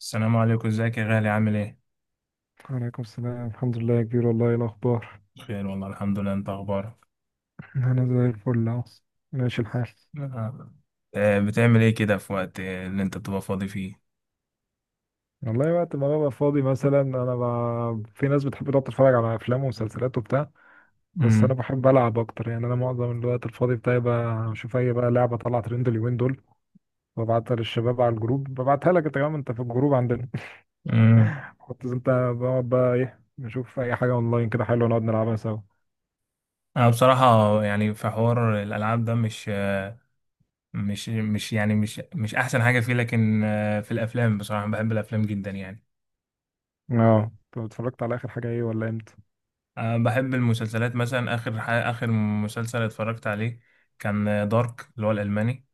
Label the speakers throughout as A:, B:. A: السلام عليكم، ازيك يا غالي؟ عامل ايه؟
B: وعليكم السلام، الحمد لله يا كبير، والله إيه الأخبار؟
A: بخير والله، الحمد لله. انت اخبارك؟
B: أنا زي الفل أهو، ماشي الحال.
A: آه. آه، بتعمل ايه كده في وقت اللي انت بتبقى فاضي فيه؟
B: والله، وقت ما ببقى فاضي مثلا أنا في ناس بتحب تقعد تتفرج على أفلام ومسلسلات وبتاع، بس أنا
A: امم
B: بحب ألعب أكتر، يعني أنا معظم الوقت الفاضي بتاعي بشوف أي بقى لعبة طالعة ترند اليومين دول، ببعتها للشباب على الجروب، ببعتها لك أنت كمان، أنت في الجروب عندنا.
A: امم
B: كنت أنت بقعد بقى إيه، نشوف أي حاجة أونلاين كده حلوة نقعد نلعبها سوا.
A: انا بصراحة يعني في حوار الالعاب ده مش آه، مش مش يعني مش مش احسن حاجة فيه، لكن في الافلام بصراحة، بحب الافلام جدا يعني.
B: أه، أنت اتفرجت على آخر حاجة إيه ولا إمتى؟
A: بحب المسلسلات مثلا. اخر مسلسل اتفرجت عليه كان دارك، اللي هو الالماني.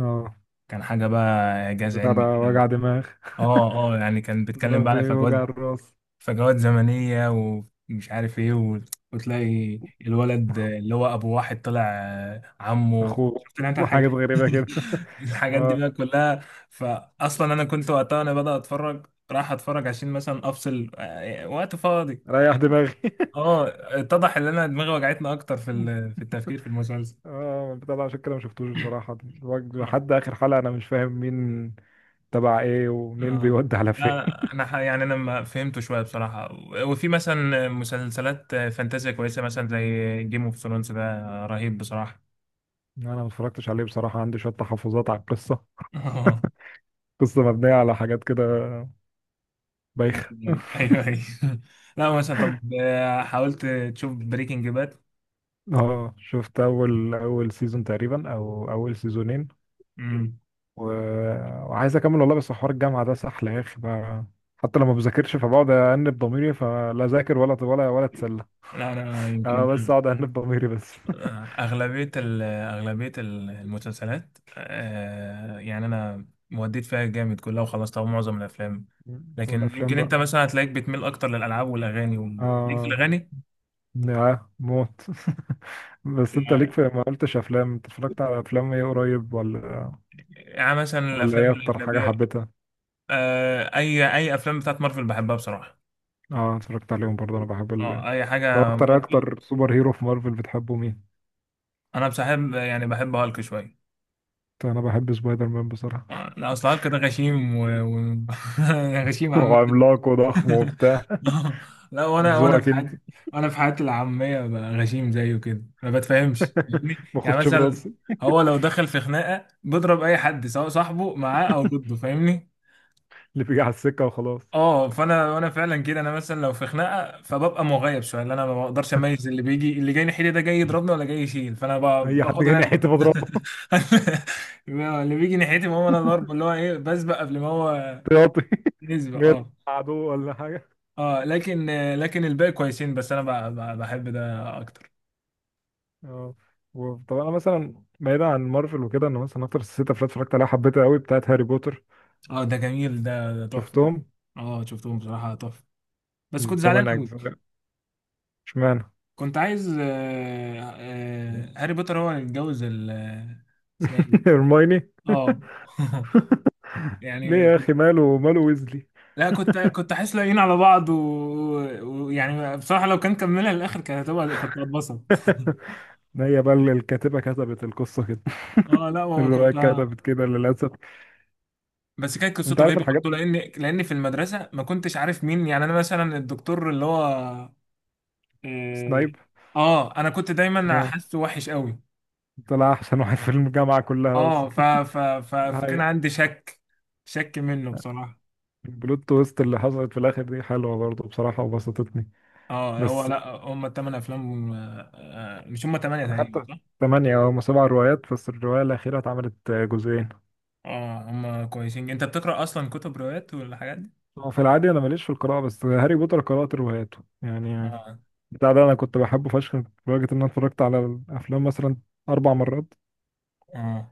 B: أه،
A: كان حاجة بقى، اعجاز
B: بتاع ده
A: علمي كده.
B: وجع دماغ،
A: اه، اه، يعني كان
B: ده
A: بيتكلم بقى على فجوات،
B: بيوجع الراس.
A: فجوات زمنية، ومش عارف ايه وتلاقي الولد اللي هو ابو واحد طلع عمه.
B: اخوه
A: شفت انت
B: وحاجات
A: الحاجة؟
B: غريبة كده.
A: الحاجات دي
B: اه،
A: بقى كلها. فاصلا انا كنت وقتها، انا بدأ اتفرج راح اتفرج عشان مثلا افصل وقت فاضي.
B: ريح دماغي
A: اه، اتضح ان انا دماغي وجعتني اكتر في التفكير في المسلسل.
B: اه، البتاع ده عشان كده ما شفتوش بصراحة، لحد آخر حلقة أنا مش فاهم مين تبع إيه ومنين
A: اه،
B: بيودي على فين
A: لا، يعني انا ما فهمته شويه بصراحه. وفي مثلا مسلسلات فانتازيا كويسه، مثلا زي جيم اوف ثرونز ده، رهيب بصراحه.
B: أنا ما اتفرجتش عليه بصراحة، عندي شوية تحفظات على القصة،
A: اه،
B: قصة مبنية على حاجات كده بايخة.
A: ايوه، ايوه. لا مثلا، طب حاولت تشوف بريكنج باد؟
B: اه شفت أول سيزون تقريبا، أو أول سيزونين
A: امم
B: و... وعايز اكمل والله، بس حوار الجامعه ده سحل يا اخي بقى، حتى لما بذاكرش فبقعد انب ضميري، فلا اذاكر ولا اتسلى.
A: لا، انا
B: أنا
A: يمكن
B: بس اقعد انب ضميري بس.
A: اغلبيه المسلسلات يعني انا موديت فيها جامد كلها وخلصتها معظم الافلام. لكن
B: والافلام
A: يمكن
B: بقى.
A: انت مثلا هتلاقيك بتميل اكتر للالعاب والاغاني ليك في
B: اه،
A: الاغاني.
B: يا موت بس انت ليك في، ما قلتش، افلام انت اتفرجت على افلام ايه قريب ولا
A: يعني مثلا
B: ولا ايه
A: الافلام
B: اكتر حاجه
A: الاجنبيه.
B: حبيتها؟
A: اي افلام بتاعت مارفل بحبها بصراحه.
B: اه اتفرجت عليهم برضه، انا بحب
A: اه، اي
B: ده
A: حاجه
B: اكتر
A: مارفل.
B: اكتر سوبر هيرو في مارفل بتحبه مين؟
A: انا بحب، يعني بحب هالك شويه.
B: انا بحب سبايدر مان بصراحه.
A: لا، اصل هالك ده غشيم غشيم عامه.
B: وعملاق وضخم وبتاع.
A: آه، لا
B: ذوقك
A: وانا في حياتي العاميه بقى غشيم زيه، كده ما بتفهمش، يعني
B: ما
A: يعني
B: اخدش
A: مثلا.
B: براسي
A: هو لو دخل في خناقه، بيضرب اي حد، سواء صاحبه معاه او ضده. فاهمني؟
B: اللي بيجي على السكه وخلاص.
A: اه، فانا وانا فعلا كده. انا مثلا لو في خناقه، فببقى مغيب شويه. اللي انا ما بقدرش اميز اللي بيجي، اللي جاي ناحيتي ده جاي يضربني ولا جاي يشيل، فانا ب-
B: اي حد
A: باخد
B: جاي
A: انا.
B: ناحيتي بضربه
A: اللي بيجي ناحيتي، ما هو انا ضرب، اللي هو ايه، بسبق قبل ما هو
B: احتياطي،
A: يسبق.
B: غير
A: اه.
B: عدو ولا حاجه.
A: اه، لكن الباقي كويسين. بس انا بحب ده اكتر.
B: اه طب انا مثلا بعيدا عن مارفل وكده، انا مثلا اكتر ست افلام اتفرجت عليها حبيتها قوي بتاعت هاري بوتر.
A: اه، ده جميل. ده تحفه.
B: شفتهم.
A: اه، شفتهم بصراحه، تحفه. بس كنت زعلان
B: تمن
A: قوي،
B: اجزاء. اشمعنى؟
A: كنت عايز هاري بوتر هو اللي يتجوز ال-، اسمها ايه دي؟
B: هرمايني.
A: اه.
B: ليه
A: يعني
B: يا
A: كنت.
B: اخي، ماله ماله ويزلي؟
A: لا، كنت احس لاقيين على بعض و- ويعني بصراحه لو كان كملها للاخر كانت هتبقى كنت هتبسط.
B: ما هي بقى اللي الكاتبه كتبت القصه كده.
A: اه، لا،
B: الروايه
A: وكنت.
B: كتبت كده للاسف.
A: بس كانت
B: انت
A: قصته
B: عارف
A: رهيبه
B: الحاجات،
A: برضه، لان في المدرسه ما كنتش عارف مين. يعني انا مثلا الدكتور اللي هو اه
B: سنايب.
A: انا كنت دايما
B: اه،
A: حاسه وحش قوي.
B: طلع احسن واحد في الجامعه كلها
A: اه،
B: اصلا.
A: ف ف ف فكان عندي شك. شك منه بصراحه.
B: البلوت تويست اللي حصلت في الاخر دي حلوه برضه بصراحه، وبسطتني.
A: اه، هو
B: بس
A: لا هم الثمان افلام مش هم ثمانيه
B: انا
A: تقريبا،
B: حتى
A: صح؟
B: ثمانية او سبع روايات، بس الروايه الاخيره اتعملت جزئين.
A: اه، هم كويسين. انت بتقرأ اصلا كتب روايات والحاجات دي؟
B: هو في العادي انا ماليش في القراءه، بس هاري بوتر قرات رواياته يعني.
A: اه،
B: بتاع ده انا كنت بحبه فشخ، لدرجه ان انا اتفرجت على الافلام مثلا اربع مرات،
A: اه،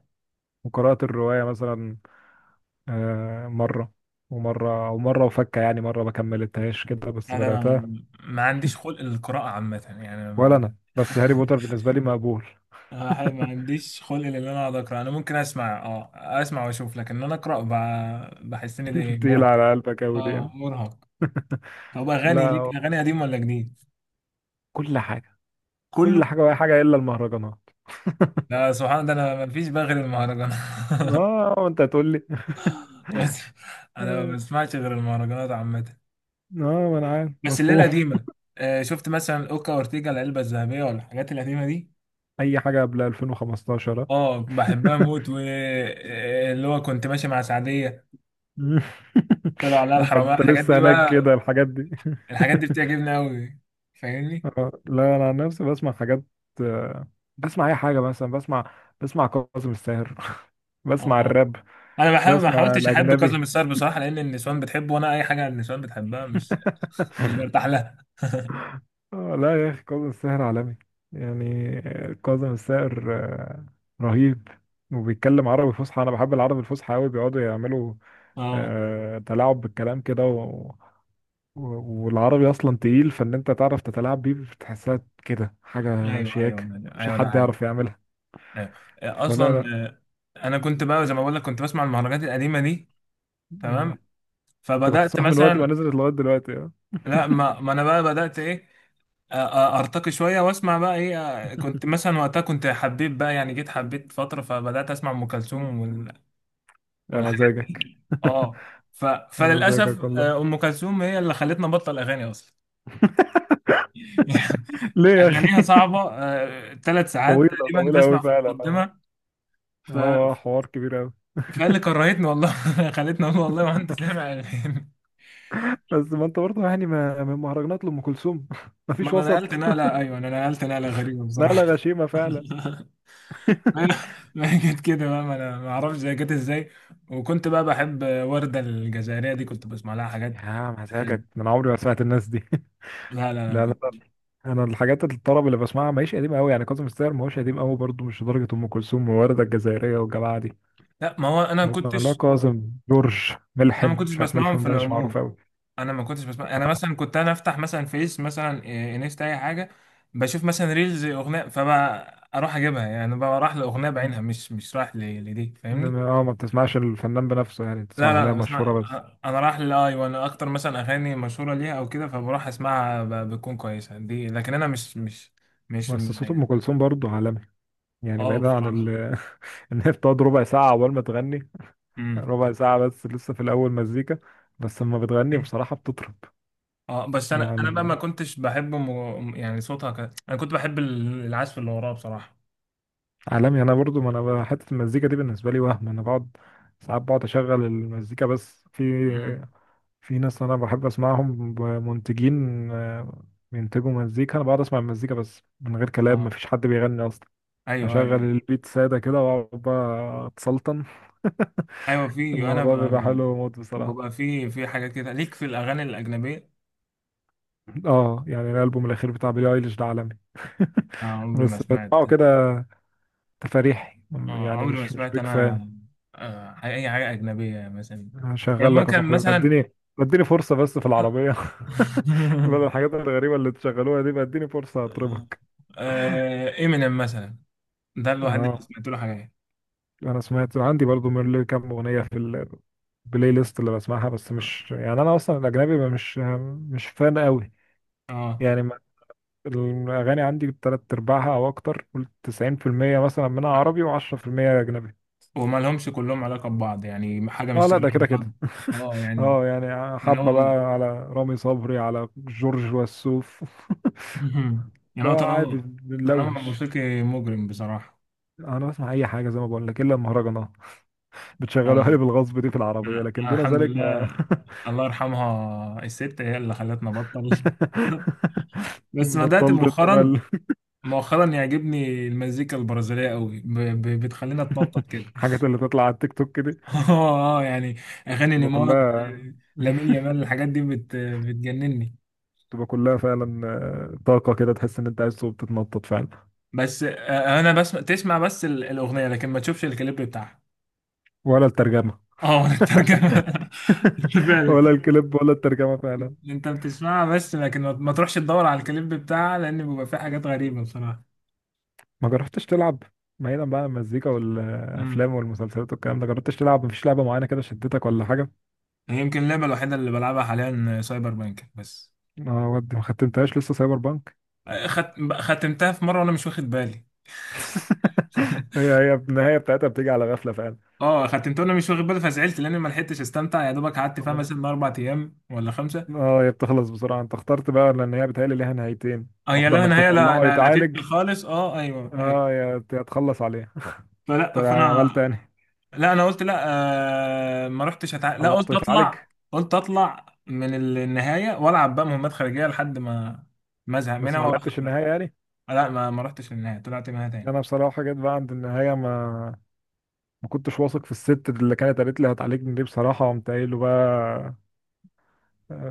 B: وقرات الروايه مثلا مره ومره ومره، وفكه يعني مره ما كملتهاش كده بس
A: لا. ده انا
B: بداتها.
A: ما عنديش خلق للقراءة عامة، يعني أنا
B: ولا
A: ما.
B: انا بس هاري بوتر بالنسبه لي مقبول.
A: ما عنديش خلق ان انا اقعد اقرا. انا ممكن اسمع واشوف، لكن ان انا اقرا بحس ان دي
B: تقيل
A: مرهق.
B: على قلبك قوي دي
A: اه،
B: يعني.
A: مرهق. طب، اغاني
B: لا،
A: ليك. اغاني قديم ولا جديد؟
B: كل حاجه كل
A: كله.
B: حاجه وأي حاجه الا المهرجانات.
A: لا، سبحان الله، ده انا ما فيش بقى غير المهرجانات.
B: اه وانت هتقول لي
A: بس انا ما
B: اه،
A: بسمعش غير المهرجانات عامة.
B: ما انا عارف
A: بس اللي هي
B: مفهوم.
A: القديمة. شفت مثلا اوكا اورتيجا، العلبة الذهبية ولا الحاجات القديمة دي؟
B: اي حاجه قبل 2015 آه.
A: اه، بحبها موت. واللي هو كنت ماشي مع سعدية، طلعوا عليها
B: انت
A: الحرامية،
B: انت
A: الحاجات
B: لسه
A: دي
B: هناك
A: بقى.
B: كده الحاجات دي
A: الحاجات دي بتعجبني قوي. فاهمني؟
B: لا انا عن نفسي بسمع حاجات، آه، بسمع اي حاجه، مثلا بسمع كاظم الساهر
A: اه،
B: بسمع
A: اه،
B: الراب،
A: انا بحاول، ما
B: بسمع
A: حاولتش احب
B: الاجنبي
A: كاظم الساهر بصراحة، لان النسوان بتحبه وانا اي حاجة النسوان بتحبها مش برتاح لها.
B: آه لا يا أخي، كاظم الساهر عالمي يعني، كاظم الساهر رهيب، وبيتكلم عربي فصحى، أنا بحب العربي الفصحى أوي، بيقعدوا يعملوا
A: اه،
B: تلاعب بالكلام كده، والعربي أصلا تقيل، فإن أنت تعرف تتلاعب بيه بتحسها كده حاجة
A: ايوه،
B: شياكة،
A: ايوه.
B: مش
A: ايوه ده
B: حد
A: حقيقي.
B: يعرف يعملها.
A: ايوه.
B: فلا
A: اصلا.
B: لا.
A: انا كنت بقى، زي ما بقول لك، كنت بسمع المهرجانات القديمة دي. تمام.
B: آه. أنت كنت
A: فبدأت
B: صاحي من وقت ما
A: مثلا.
B: نزلت لغاية دلوقتي آه.
A: لا، ما انا بقى بدأت ايه. ارتقي شويه واسمع بقى ايه. كنت مثلا وقتها، كنت حبيت بقى يعني جيت حبيت فتره فبدات اسمع ام كلثوم وال-
B: يا
A: والحاجات
B: مزاجك
A: دي اه. ف...
B: يا
A: فللاسف
B: مزاجك والله.
A: ام كلثوم هي اللي خلتنا نبطل اغاني اصلا.
B: ليه يا
A: يعني
B: اخي؟
A: اغانيها صعبه، ثلاث ساعات
B: طويلة
A: تقريبا
B: طويلة
A: بسمع
B: أوي
A: في
B: فعلا آه.
A: مقدمه. ف...
B: اه، حوار كبير قوي
A: فقال لي كرهتني والله. خلتني اقول والله ما انت سامع اغاني.
B: بس ما انت برضه يعني، ما من مهرجانات لأم كلثوم ما
A: ما
B: فيش
A: انا
B: وسط
A: نقلت نقله ايوه، انا نقلت نقله غريبه
B: لا
A: بصراحه.
B: لا، غشيمة فعلا.
A: ما هي جت كده بقى، ما انا ما اعرفش هي جت ازاي. وكنت بقى بحب وردة الجزائرية دي، كنت بسمع لها حاجات
B: يا
A: حلوة.
B: مزاجك، من عمري ما سمعت الناس دي
A: لا، لا، لا،
B: لا لا
A: كنت.
B: لا. انا الحاجات الطرب اللي بسمعها ماهيش قديمة قوي، يعني كاظم الساهر ما هوش قديم قوي برضه، مش لدرجة ام كلثوم ووردة الجزائرية والجماعة دي.
A: لا، ما هو انا ما
B: بسمع لا
A: كنتش.
B: كاظم، جورج
A: انا ما
B: ملحم،
A: كنتش
B: مش عارف،
A: بسمعهم
B: ملحم
A: في
B: ده مش معروف
A: العموم.
B: قوي.
A: انا ما كنتش بسمع. انا مثلا كنت، انا افتح مثلا فيس، مثلا إيه، انستا، اي حاجة. بشوف مثلا ريلز اغنية، فبقى اروح اجيبها. يعني بقى رايح لاغنية بعينها، مش رايح لدي. فاهمني؟
B: انما ما بتسمعش الفنان بنفسه، يعني بتسمع
A: لا، لا،
B: اغنية
A: لا، بسمع.
B: مشهورة بس.
A: انا رايح للاي، وانا اكتر مثلا اغاني مشهوره ليها او كده، فبروح اسمعها. بتكون كويسه دي، لكن انا مش
B: بس صوت ام
A: يعني.
B: كلثوم برضه عالمي، يعني
A: اه،
B: بعيدا عن
A: بصراحه.
B: إن هي بتقعد ربع ساعة عقبال ما تغني،
A: امم
B: ربع ساعة بس لسه في الأول مزيكا، بس لما بتغني بصراحة بتطرب.
A: اه، بس انا بقى ما
B: يعني
A: كنتش بحب يعني صوتها انا كنت بحب العزف اللي وراه بصراحه.
B: عالمي، أنا برضو، ما أنا حتة المزيكا دي بالنسبة لي وهم، أنا بقعد ساعات، بقعد أشغل المزيكا بس، في
A: امم
B: في ناس أنا بحب أسمعهم، منتجين، بينتجوا مزيكا، أنا بقعد أسمع المزيكا بس من غير كلام،
A: اه،
B: مفيش حد بيغني أصلا،
A: ايوه،
B: أشغل
A: ايوه.
B: البيت سادة كده وأقعد بقى أتسلطن.
A: ايوه في انا
B: الموضوع بيبقى حلو موت بصراحة.
A: ببقى في حاجات كده ليك في الاغاني الاجنبيه.
B: اه يعني الالبوم الاخير بتاع بيلي ايليش ده عالمي.
A: عمري ما
B: بس
A: سمعت.
B: بسمعه كده تفاريحي. يعني
A: عمري ما
B: مش
A: سمعت
B: بيك
A: انا.
B: فان.
A: اي حاجه اجنبيه مثلا، يعني
B: هشغل لك يا
A: ممكن
B: صاحبي،
A: مثلا
B: اديني، اديني فرصه بس في العربيه بدل الحاجات الغريبه اللي تشغلوها دي، اديني فرصه اطربك.
A: امينيم مثلا. ده الواحد اللي
B: اه،
A: سمعت له حاجات.
B: انا سمعت عندي برضو من اللي كام اغنيه في البلاي ليست اللي بسمعها، بس مش يعني، انا اصلا الاجنبي مش مش فان قوي
A: اه،
B: يعني الاغاني عندي تلات ارباعها او اكتر، قول 90% مثلا منها عربي و10% اجنبي.
A: وما لهمش كلهم علاقة ببعض، يعني حاجة
B: اه
A: مش
B: لا،
A: شبه
B: ده كده
A: بعض.
B: كده
A: اه، يعني
B: اه يعني
A: تنوع.
B: حبة بقى على رامي صبري، على جورج وسوف.
A: يعني هو
B: لا عادي
A: تنوع، تنوع
B: بنلوش.
A: موسيقي مجرم بصراحة.
B: انا بسمع اي حاجة زي ما بقول لك الا المهرجانات، بتشغلوها لي
A: أنا
B: بالغصب دي في العربية، لكن
A: أنا
B: دون
A: الحمد
B: ذلك
A: لله.
B: ما.
A: الله يرحمها الست، هي اللي خلتنا بطل. بس بدأت
B: بطلت انت بقى
A: مؤخرا، مؤخرا يعجبني المزيكا البرازيلية قوي. بتخلينا تنطط كده.
B: الحاجات اللي تطلع على التيك توك دي
A: اه، اه، يعني اغاني
B: تبقى
A: نيمار،
B: كلها
A: لامين يامال، الحاجات دي بتجنني.
B: تبقى كلها فعلا، طاقة كده تحس ان انت عايز تقوم تتنطط فعلا.
A: بس انا تسمع بس الاغنيه، لكن ما تشوفش الكليب بتاعها.
B: ولا الترجمة.
A: اه، ولا الترجمه. فعلا.
B: ولا الكليب ولا الترجمة فعلا.
A: انت بتسمعها بس، لكن ما تروحش تدور على الكليب بتاعها، لان بيبقى فيه حاجات غريبه بصراحه.
B: ما جربتش تلعب؟ بعيدا بقى عن المزيكا
A: امم
B: والافلام والمسلسلات والكلام ده، جربتش تلعب؟ مفيش لعبه معينه كده شدتك ولا حاجه؟
A: يمكن اللعبه الوحيده اللي بلعبها حاليا سايبر بانك بس.
B: اه، ودي ما ختمتهاش لسه، سايبر بانك.
A: آه، خت... ختمتها في مره وانا مش واخد بالي.
B: هي هي النهايه بتاعتها بتيجي على غفله فعلا.
A: اه، ختمت وانا مش واخد بالي، فزعلت لاني ما لحقتش استمتع. يا دوبك قعدت فيها
B: طب إنت-
A: مثلا 4 أيام ولا خمسه.
B: اه هي بتخلص بسرعه، انت اخترت بقى، لان هي بتهيألي ليها نهايتين،
A: اه، يا
B: واحده
A: لا
B: انك
A: نهايه. لا،
B: تطلعه
A: لا، لا،
B: يتعالج،
A: تقفل خالص. اه، ايوه، ايوه.
B: اه يا تخلص عليه. انت
A: فلا، فانا.
B: عملت يعني؟
A: لا، انا قلت لا. ما رحتش أتع... لا،
B: طلعته يتعالج
A: قلت اطلع من النهايه، والعب بقى مهمات خارجيه لحد ما ازهق
B: بس
A: منها
B: ما
A: واروح
B: لعبتش
A: أخرج.
B: النهايه يعني؟
A: لا، ما رحتش للنهايه، طلعت منها تاني.
B: انا بصراحه جيت بقى عند النهايه، ما كنتش واثق في الست اللي كانت قالت لي هتعالجني دي بصراحه، قمت قايل له بقى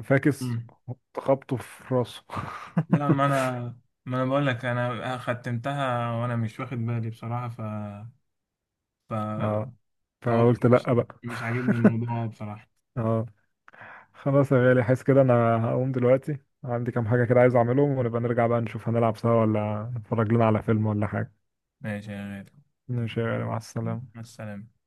B: فاكس،
A: مم.
B: خبطه في راسه
A: لا، ما انا بقول لك، انا ختمتها وانا مش واخد بالي بصراحه. ف ف
B: اه
A: فقلت
B: فقلت
A: مش
B: لأ بقى.
A: مش عاجبني الموضوع بصراحه.
B: اه خلاص يا غالي، حاسس كده انا هقوم دلوقتي، عندي كام حاجة كده عايز اعملهم، ونبقى نرجع بقى نشوف، هنلعب سوا ولا نتفرج لنا على فيلم ولا حاجة.
A: ماشي يا غالي.
B: ماشي يا غالي، مع السلامة.
A: مع السلامه.